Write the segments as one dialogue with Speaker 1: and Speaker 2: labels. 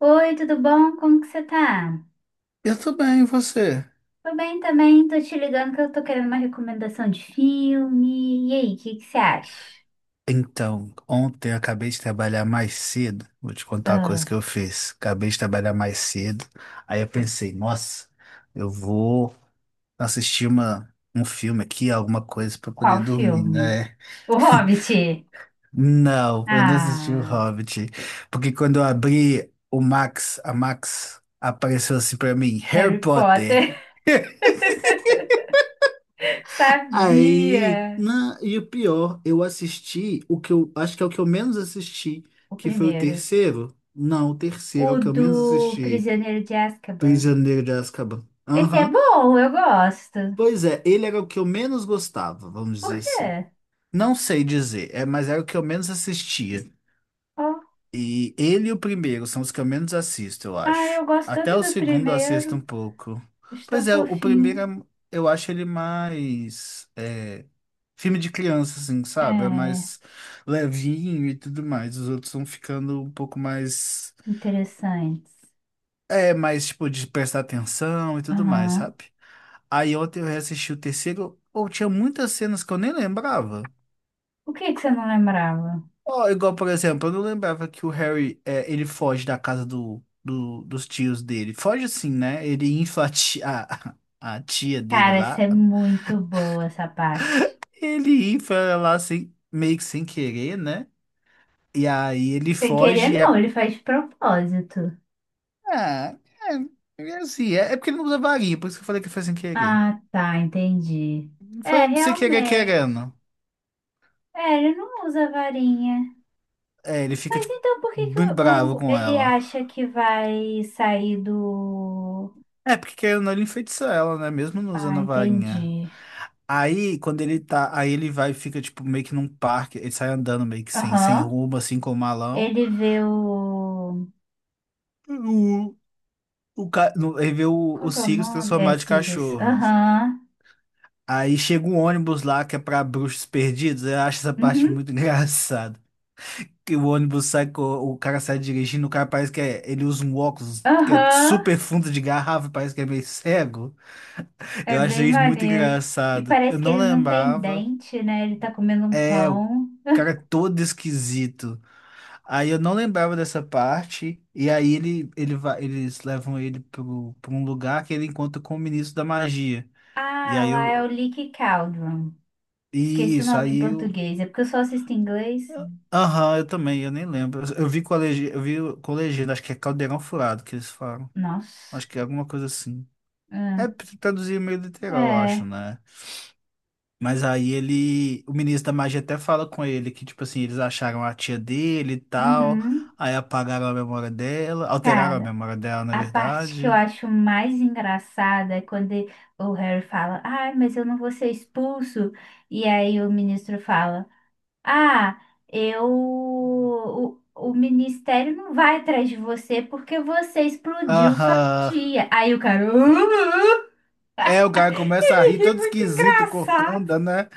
Speaker 1: Oi, tudo bom? Como que você tá?
Speaker 2: Eu tô bem, e você?
Speaker 1: Tô bem também, tô te ligando que eu tô querendo uma recomendação de filme. E aí, o que que você acha?
Speaker 2: Então, ontem eu acabei de trabalhar mais cedo. Vou te contar uma coisa que
Speaker 1: Ah,
Speaker 2: eu fiz. Acabei de trabalhar mais cedo. Aí eu pensei, nossa, eu vou assistir um filme aqui, alguma coisa pra poder
Speaker 1: qual
Speaker 2: dormir,
Speaker 1: filme?
Speaker 2: né?
Speaker 1: O Hobbit.
Speaker 2: Não, eu não assisti o
Speaker 1: Ah,
Speaker 2: Hobbit. Porque quando eu abri o Max, a Max apareceu assim pra mim, Harry
Speaker 1: Harry Potter.
Speaker 2: Potter. Aí,
Speaker 1: Sabia.
Speaker 2: não, e o pior, eu assisti o que eu acho que é o que eu menos assisti,
Speaker 1: O
Speaker 2: que foi o
Speaker 1: primeiro.
Speaker 2: terceiro. Não, o
Speaker 1: O
Speaker 2: terceiro é o que eu
Speaker 1: do
Speaker 2: menos assisti,
Speaker 1: Prisioneiro de Azkaban.
Speaker 2: Prisioneiro de Azkaban.
Speaker 1: Esse é
Speaker 2: Aham.
Speaker 1: bom, eu gosto.
Speaker 2: Pois é, ele era o que eu menos gostava, vamos
Speaker 1: Por
Speaker 2: dizer assim.
Speaker 1: quê?
Speaker 2: Não sei dizer, mas era o que eu menos assistia.
Speaker 1: Ó,
Speaker 2: E ele e o primeiro são os que eu menos assisto, eu
Speaker 1: ah,
Speaker 2: acho.
Speaker 1: eu gosto
Speaker 2: Até
Speaker 1: tanto
Speaker 2: o
Speaker 1: do
Speaker 2: segundo eu assisto um
Speaker 1: primeiro.
Speaker 2: pouco.
Speaker 1: Eles tão
Speaker 2: Pois é,
Speaker 1: fofinhos.
Speaker 2: eu acho ele mais filme de criança, assim, sabe? É
Speaker 1: É,
Speaker 2: mais levinho e tudo mais. Os outros vão ficando um pouco mais.
Speaker 1: interessantes.
Speaker 2: É, mais tipo de prestar atenção e tudo mais,
Speaker 1: Aham.
Speaker 2: sabe? Aí ontem eu reassisti o terceiro. Ou tinha muitas cenas que eu nem lembrava.
Speaker 1: O que que você não lembrava?
Speaker 2: Ó, igual, por exemplo, eu não lembrava que o Harry, ele foge da casa dos tios dele. Foge assim, né? Ele infla a tia dele
Speaker 1: Cara, essa é
Speaker 2: lá.
Speaker 1: muito boa, essa parte.
Speaker 2: Ele infla ela lá sem, meio que sem querer, né? E aí ele
Speaker 1: Sem querer,
Speaker 2: foge.
Speaker 1: não, ele faz de propósito.
Speaker 2: Ah, é porque ele não usa varinha, por isso que eu falei que foi sem querer.
Speaker 1: Ah, tá, entendi. É,
Speaker 2: Foi sem querer
Speaker 1: realmente.
Speaker 2: querendo.
Speaker 1: É, ele não usa varinha.
Speaker 2: É, ele fica,
Speaker 1: Mas
Speaker 2: tipo,
Speaker 1: então por que que
Speaker 2: bem bravo com
Speaker 1: ele
Speaker 2: ela.
Speaker 1: acha que vai sair do.
Speaker 2: É, porque querendo ou não, ele enfeitiça ela, né? Mesmo não
Speaker 1: Ah,
Speaker 2: usando a varinha.
Speaker 1: entendi.
Speaker 2: Aí, quando ele tá, aí ele vai e fica, tipo, meio que num parque, ele sai andando meio que sem, sem
Speaker 1: Aham.
Speaker 2: rumo, assim, com malão.
Speaker 1: Ele vê o.
Speaker 2: O, o, ca- no- Ele vê o
Speaker 1: Qual que é o
Speaker 2: Sirius
Speaker 1: nome? É
Speaker 2: transformado de
Speaker 1: Sirius.
Speaker 2: cachorro.
Speaker 1: Aham.
Speaker 2: Aí chega um ônibus lá que é pra bruxos perdidos, eu acho essa parte
Speaker 1: Uhum.
Speaker 2: muito engraçada. Que o ônibus sai, co- O cara sai dirigindo, o cara parece que ele usa um óculos que é
Speaker 1: Aham.
Speaker 2: super fundo de garrafa, parece que é meio cego. Eu
Speaker 1: É bem
Speaker 2: achei isso muito
Speaker 1: maneiro. E
Speaker 2: engraçado. Eu
Speaker 1: parece que
Speaker 2: não
Speaker 1: ele não tem
Speaker 2: lembrava.
Speaker 1: dente, né? Ele tá comendo um
Speaker 2: É, o
Speaker 1: pão.
Speaker 2: cara é todo esquisito. Aí eu não lembrava dessa parte. E aí ele vai, eles levam ele pra um lugar que ele encontra com o ministro da magia. E
Speaker 1: Ah,
Speaker 2: aí
Speaker 1: lá é o
Speaker 2: eu.
Speaker 1: Leaky Cauldron. Esqueci o
Speaker 2: Isso,
Speaker 1: nome em
Speaker 2: aí eu.
Speaker 1: português. É porque eu só assisto em inglês.
Speaker 2: Aham, eu também, eu nem lembro. Eu vi com a legenda, eu vi com a legenda, acho que é Caldeirão Furado que eles falam.
Speaker 1: Nossa.
Speaker 2: Acho que é alguma coisa assim. É,
Speaker 1: É.
Speaker 2: traduzir meio literal, eu acho,
Speaker 1: É.
Speaker 2: né? Mas aí ele, o ministro da magia até fala com ele que, tipo assim, eles acharam a tia dele e tal,
Speaker 1: Uhum.
Speaker 2: aí apagaram a memória dela, alteraram a
Speaker 1: Cara,
Speaker 2: memória dela, na
Speaker 1: a parte que eu
Speaker 2: verdade.
Speaker 1: acho mais engraçada é quando o Harry fala: Ai, mas eu não vou ser expulso. E aí o ministro fala. Ah, eu. O ministério não vai atrás de você porque você explodiu sua
Speaker 2: Aham.
Speaker 1: tia. Aí o cara. "Ah, ah."
Speaker 2: É, o cara começa a
Speaker 1: Ele
Speaker 2: rir
Speaker 1: ri
Speaker 2: todo
Speaker 1: muito
Speaker 2: esquisito,
Speaker 1: engraçado.
Speaker 2: corcunda, né?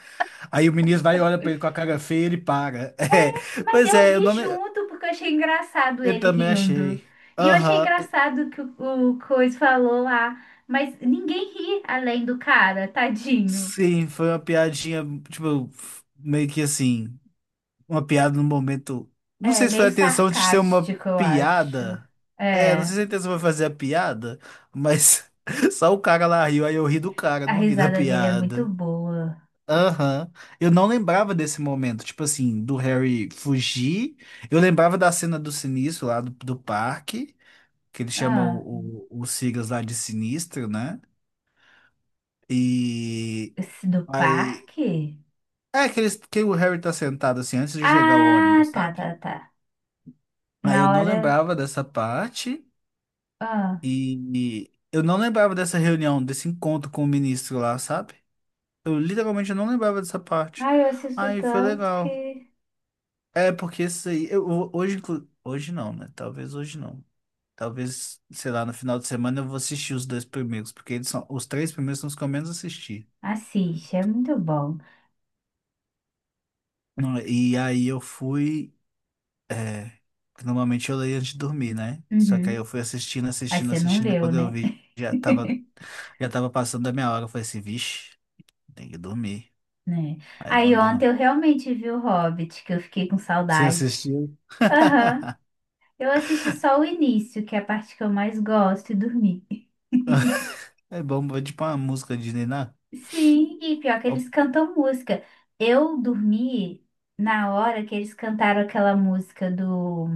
Speaker 2: Aí o ministro vai e olha pra ele com a cara feia e ele para. É.
Speaker 1: Mas
Speaker 2: Pois
Speaker 1: eu
Speaker 2: é, eu,
Speaker 1: ri
Speaker 2: não, le-
Speaker 1: junto porque eu achei engraçado
Speaker 2: eu
Speaker 1: ele
Speaker 2: também achei.
Speaker 1: rindo. E eu achei
Speaker 2: Aham.
Speaker 1: engraçado que o Coisa falou lá. Mas ninguém ri além do cara, tadinho.
Speaker 2: Sim, foi uma piadinha, tipo, meio que assim, uma piada no momento. Não
Speaker 1: É
Speaker 2: sei se foi a
Speaker 1: meio
Speaker 2: intenção de ser uma
Speaker 1: sarcástico, eu acho.
Speaker 2: piada. É, não sei
Speaker 1: É,
Speaker 2: se a intenção foi fazer a piada, mas só o cara lá riu, aí eu ri do cara,
Speaker 1: a
Speaker 2: não ri da
Speaker 1: risada dele é muito
Speaker 2: piada.
Speaker 1: boa.
Speaker 2: Aham. Eu não lembrava desse momento, tipo assim, do Harry fugir. Eu lembrava da cena do Sinistro lá do parque, que eles chamam
Speaker 1: Ah,
Speaker 2: os Sirius lá de Sinistro, né? E
Speaker 1: esse do
Speaker 2: aí.
Speaker 1: parque?
Speaker 2: É, que, eles, que o Harry tá sentado assim antes de chegar o
Speaker 1: Ah,
Speaker 2: ônibus,
Speaker 1: tá,
Speaker 2: sabe?
Speaker 1: tá, tá.
Speaker 2: Aí eu
Speaker 1: Na
Speaker 2: não
Speaker 1: hora.
Speaker 2: lembrava dessa parte
Speaker 1: Ah,
Speaker 2: e eu não lembrava dessa reunião, desse encontro com o ministro lá, sabe? Eu literalmente não lembrava dessa parte.
Speaker 1: ah, eu assisto
Speaker 2: Aí foi
Speaker 1: tanto
Speaker 2: legal.
Speaker 1: que.
Speaker 2: É, porque isso aí, hoje, hoje não, né? Talvez hoje não. Talvez, sei lá, no final de semana eu vou assistir os dois primeiros, porque eles são, os três primeiros são os que eu menos assisti.
Speaker 1: Assiste, é muito bom.
Speaker 2: Não, e aí eu fui, é, normalmente eu leio antes de dormir, né? Só que aí
Speaker 1: Uhum.
Speaker 2: eu fui assistindo,
Speaker 1: Aí
Speaker 2: assistindo,
Speaker 1: você não
Speaker 2: assistindo, e
Speaker 1: leu,
Speaker 2: quando eu
Speaker 1: né?
Speaker 2: vi, já tava. Já tava passando da minha hora, eu falei assim, vixe, tem que dormir.
Speaker 1: Né?
Speaker 2: Aí não
Speaker 1: Aí
Speaker 2: li,
Speaker 1: ontem
Speaker 2: não.
Speaker 1: eu realmente vi o Hobbit, que eu fiquei com
Speaker 2: Você
Speaker 1: saudade.
Speaker 2: assistiu?
Speaker 1: Aham. Eu assisti só o início, que é a parte que eu mais gosto, e dormi.
Speaker 2: É bom, é tipo uma música de Niná.
Speaker 1: Sim, e pior que
Speaker 2: Oh,
Speaker 1: eles cantam música. Eu dormi na hora que eles cantaram aquela música do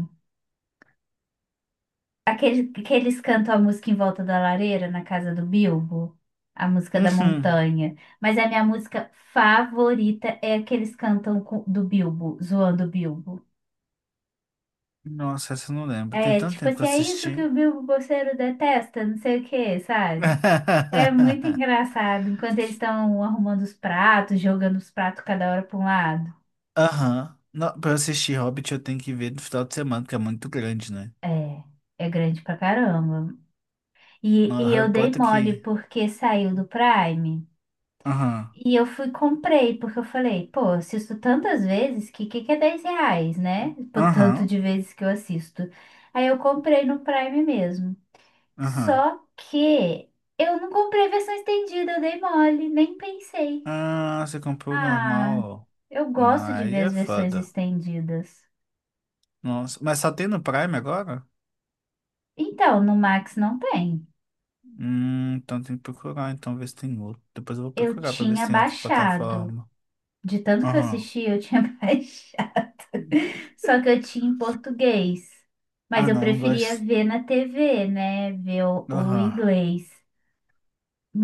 Speaker 1: aquele, que eles cantam a música em volta da lareira na casa do Bilbo, a música da
Speaker 2: uhum.
Speaker 1: montanha. Mas a minha música favorita é a que eles cantam do Bilbo, zoando o Bilbo.
Speaker 2: Nossa, essa eu não lembro. Tem
Speaker 1: É
Speaker 2: tanto
Speaker 1: tipo
Speaker 2: tempo que eu
Speaker 1: assim, é isso que
Speaker 2: assisti.
Speaker 1: o Bilbo Bolseiro detesta, não sei o que, sabe? É muito engraçado. Enquanto eles estão arrumando os pratos, jogando os pratos cada hora para um lado.
Speaker 2: Aham. Não, pra eu assistir Hobbit, eu tenho que ver no final de semana, porque é muito grande, né?
Speaker 1: É, é grande pra caramba. E,
Speaker 2: Não,
Speaker 1: e
Speaker 2: Harry
Speaker 1: eu dei
Speaker 2: Potter
Speaker 1: mole
Speaker 2: que.
Speaker 1: porque saiu do Prime.
Speaker 2: Aham.
Speaker 1: E eu fui, e comprei, porque eu falei, pô, eu assisto tantas vezes que é 10 reais, né? Por tanto
Speaker 2: Aham.
Speaker 1: de vezes que eu assisto. Aí eu comprei no Prime mesmo.
Speaker 2: Aham.
Speaker 1: Só que eu não comprei a versão estendida, eu dei mole, nem pensei.
Speaker 2: Ah, você comprou o
Speaker 1: Ah,
Speaker 2: normal.
Speaker 1: eu
Speaker 2: Não,
Speaker 1: gosto de
Speaker 2: aí
Speaker 1: ver
Speaker 2: é
Speaker 1: as versões
Speaker 2: foda.
Speaker 1: estendidas.
Speaker 2: Nossa, mas só tem no Prime agora?
Speaker 1: Então, no Max não tem.
Speaker 2: Então tem que procurar, então ver se tem outro. Depois eu vou
Speaker 1: Eu
Speaker 2: procurar pra ver
Speaker 1: tinha
Speaker 2: se tem outra
Speaker 1: baixado.
Speaker 2: plataforma.
Speaker 1: De tanto que eu
Speaker 2: Aham.
Speaker 1: assisti, eu tinha baixado. Só que eu tinha em português. Mas
Speaker 2: Ah,
Speaker 1: eu
Speaker 2: não, não
Speaker 1: preferia
Speaker 2: gosto.
Speaker 1: ver na TV, né? Ver o
Speaker 2: Aham.
Speaker 1: inglês.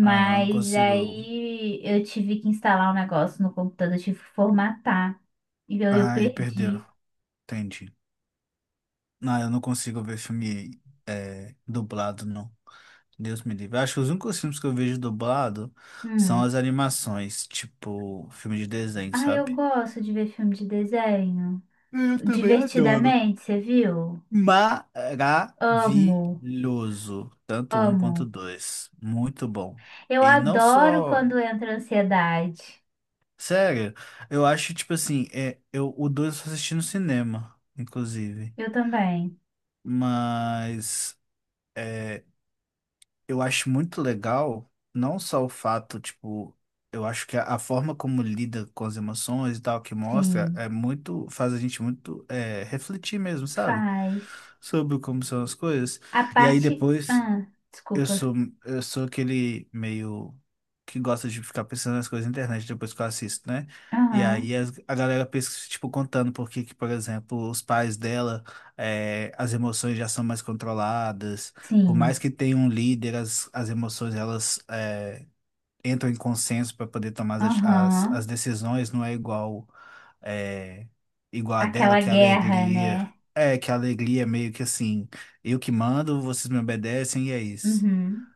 Speaker 2: Ah, não, eu não consigo.
Speaker 1: aí eu tive que instalar um negócio no computador, eu tive que formatar. E eu
Speaker 2: Ai, perdeu.
Speaker 1: perdi.
Speaker 2: Entendi. Não, eu não consigo ver filme dublado, não. Deus me livre. Eu acho que os únicos filmes que eu vejo dublado são
Speaker 1: Hum.
Speaker 2: as animações, tipo filme de desenho,
Speaker 1: Ah, eu
Speaker 2: sabe?
Speaker 1: gosto de ver filme de desenho.
Speaker 2: Eu também adoro.
Speaker 1: Divertidamente, você viu? Amo,
Speaker 2: Maravilhoso. Tanto um quanto
Speaker 1: amo.
Speaker 2: dois. Muito bom.
Speaker 1: Eu
Speaker 2: E não
Speaker 1: adoro
Speaker 2: só.
Speaker 1: quando entra ansiedade.
Speaker 2: Sério, eu acho, tipo assim, o dois eu só assisti no cinema, inclusive.
Speaker 1: Eu também.
Speaker 2: Mas é, eu acho muito legal, não só o fato, tipo, eu acho que a forma como lida com as emoções e tal, que mostra,
Speaker 1: Sim,
Speaker 2: é muito, faz a gente muito refletir mesmo, sabe?
Speaker 1: faz.
Speaker 2: Sobre como são as coisas.
Speaker 1: A
Speaker 2: E aí
Speaker 1: parte.
Speaker 2: depois.
Speaker 1: Ah,
Speaker 2: Eu
Speaker 1: desculpa.
Speaker 2: sou, eu sou aquele meio que gosta de ficar pensando nas coisas na internet depois que eu assisto, né? E aí
Speaker 1: Aham,
Speaker 2: galera pensa, tipo, contando por que, que, por exemplo, os pais dela, as emoções já são mais controladas. Por
Speaker 1: sim.
Speaker 2: mais que tenha um líder, as emoções elas, entram em consenso para poder tomar as
Speaker 1: Aham.
Speaker 2: decisões, não é igual, eh, igual a dela,
Speaker 1: Aquela
Speaker 2: que a
Speaker 1: guerra,
Speaker 2: alegria.
Speaker 1: né?
Speaker 2: É, que a alegria é meio que assim, eu que mando, vocês me obedecem e é isso.
Speaker 1: Uhum.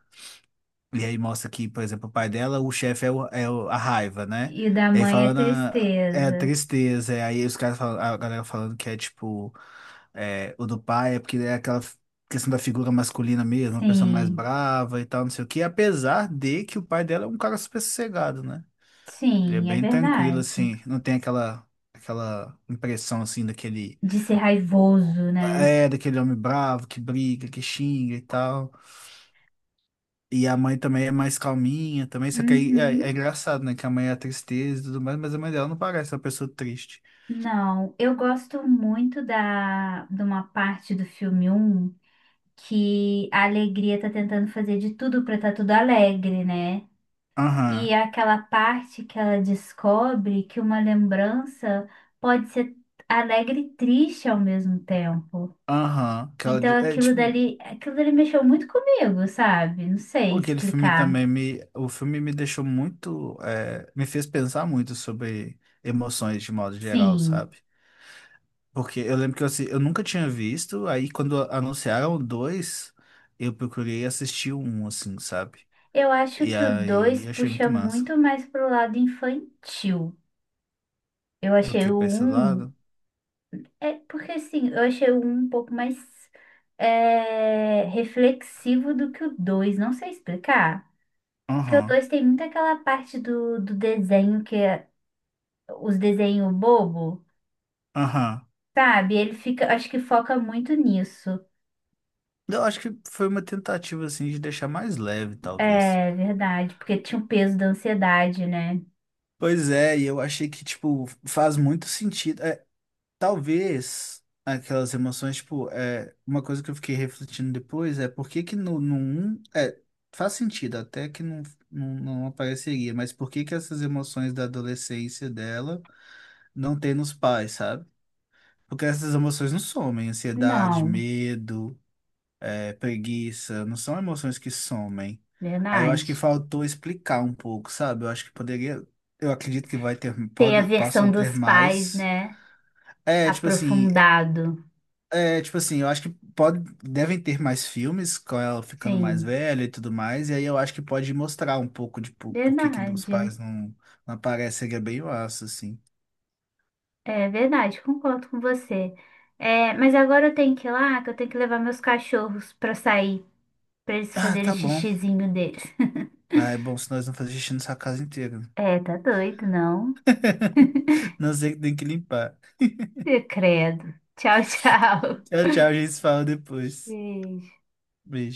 Speaker 2: E aí mostra que, por exemplo, o pai dela, o chefe é a raiva, né?
Speaker 1: E o da
Speaker 2: E aí
Speaker 1: mãe é
Speaker 2: é a
Speaker 1: tristeza.
Speaker 2: tristeza, e aí os caras falam, a galera falando que é tipo, é, o do pai é porque é questão da figura masculina mesmo, uma pessoa mais
Speaker 1: Sim,
Speaker 2: brava e tal, não sei o quê, apesar de que o pai dela é um cara super sossegado, né? Ele é
Speaker 1: sim, é
Speaker 2: bem tranquilo,
Speaker 1: verdade.
Speaker 2: assim, não tem aquela, aquela impressão, assim, daquele,
Speaker 1: De ser raivoso, né?
Speaker 2: daquele homem bravo que briga, que xinga e tal. E a mãe também é mais calminha, também, só que aí é
Speaker 1: Uhum.
Speaker 2: engraçado, né? Que a mãe é a tristeza e tudo mais, mas a mãe dela não parece uma pessoa triste.
Speaker 1: Não, eu gosto muito de uma parte do filme um que a alegria tá tentando fazer de tudo pra tá tudo alegre, né? E
Speaker 2: Aham,
Speaker 1: é aquela parte que ela descobre que uma lembrança pode ser alegre e triste ao mesmo tempo. Então
Speaker 2: É tipo,
Speaker 1: aquilo dali mexeu muito comigo, sabe? Não sei
Speaker 2: aquele filme
Speaker 1: explicar.
Speaker 2: também me. O filme me deixou muito. Me fez pensar muito sobre emoções de modo geral,
Speaker 1: Sim,
Speaker 2: sabe? Porque eu lembro que eu nunca tinha visto, aí quando anunciaram o dois, eu procurei assistir o um, assim, sabe?
Speaker 1: eu acho
Speaker 2: E
Speaker 1: que o
Speaker 2: aí
Speaker 1: 2
Speaker 2: eu achei
Speaker 1: puxa
Speaker 2: muito massa.
Speaker 1: muito mais pro lado infantil. Eu
Speaker 2: Do
Speaker 1: achei
Speaker 2: que pra
Speaker 1: o
Speaker 2: esse
Speaker 1: um
Speaker 2: lado.
Speaker 1: é porque assim, eu achei o um um pouco mais é, reflexivo do que o 2 não sei explicar. Porque o
Speaker 2: Aham,
Speaker 1: 2 tem muito aquela parte do desenho que é os desenhos bobo,
Speaker 2: aham.
Speaker 1: sabe? Ele fica, acho que foca muito nisso.
Speaker 2: Eu acho que foi uma tentativa, assim, de deixar mais leve, talvez.
Speaker 1: É verdade, porque tinha o peso da ansiedade, né?
Speaker 2: Pois é, e eu achei que, tipo, faz muito sentido. É, talvez aquelas emoções, tipo, uma coisa que eu fiquei refletindo depois é por que que no um faz sentido, até que não apareceria, mas por que que essas emoções da adolescência dela não tem nos pais, sabe? Porque essas emoções não somem, ansiedade,
Speaker 1: Não,
Speaker 2: medo, é preguiça, não são emoções que somem. Aí eu acho que
Speaker 1: verdade.
Speaker 2: faltou explicar um pouco, sabe? Eu acho que poderia, eu acredito que vai ter,
Speaker 1: Ter a
Speaker 2: pode,
Speaker 1: versão
Speaker 2: possam ter
Speaker 1: dos pais,
Speaker 2: mais.
Speaker 1: né?
Speaker 2: É, tipo assim,
Speaker 1: Aprofundado.
Speaker 2: é, tipo assim, eu acho que pode, devem ter mais filmes com ela ficando mais
Speaker 1: Sim,
Speaker 2: velha e tudo mais, e aí eu acho que pode mostrar um pouco de por que que os
Speaker 1: verdade.
Speaker 2: pais não, não aparecem, seria bem massa, assim.
Speaker 1: É verdade, concordo com você. É, mas agora eu tenho que ir lá, que eu tenho que levar meus cachorros pra sair, pra eles
Speaker 2: Ah,
Speaker 1: fazerem o
Speaker 2: tá bom.
Speaker 1: xixizinho deles.
Speaker 2: Ah, é bom se nós não fazer xixi nessa casa inteira.
Speaker 1: É, tá doido, não?
Speaker 2: Não sei que tem que limpar.
Speaker 1: Ih, credo. Tchau, tchau.
Speaker 2: Tchau, tchau, a gente se fala depois.
Speaker 1: Beijo.
Speaker 2: Beijo.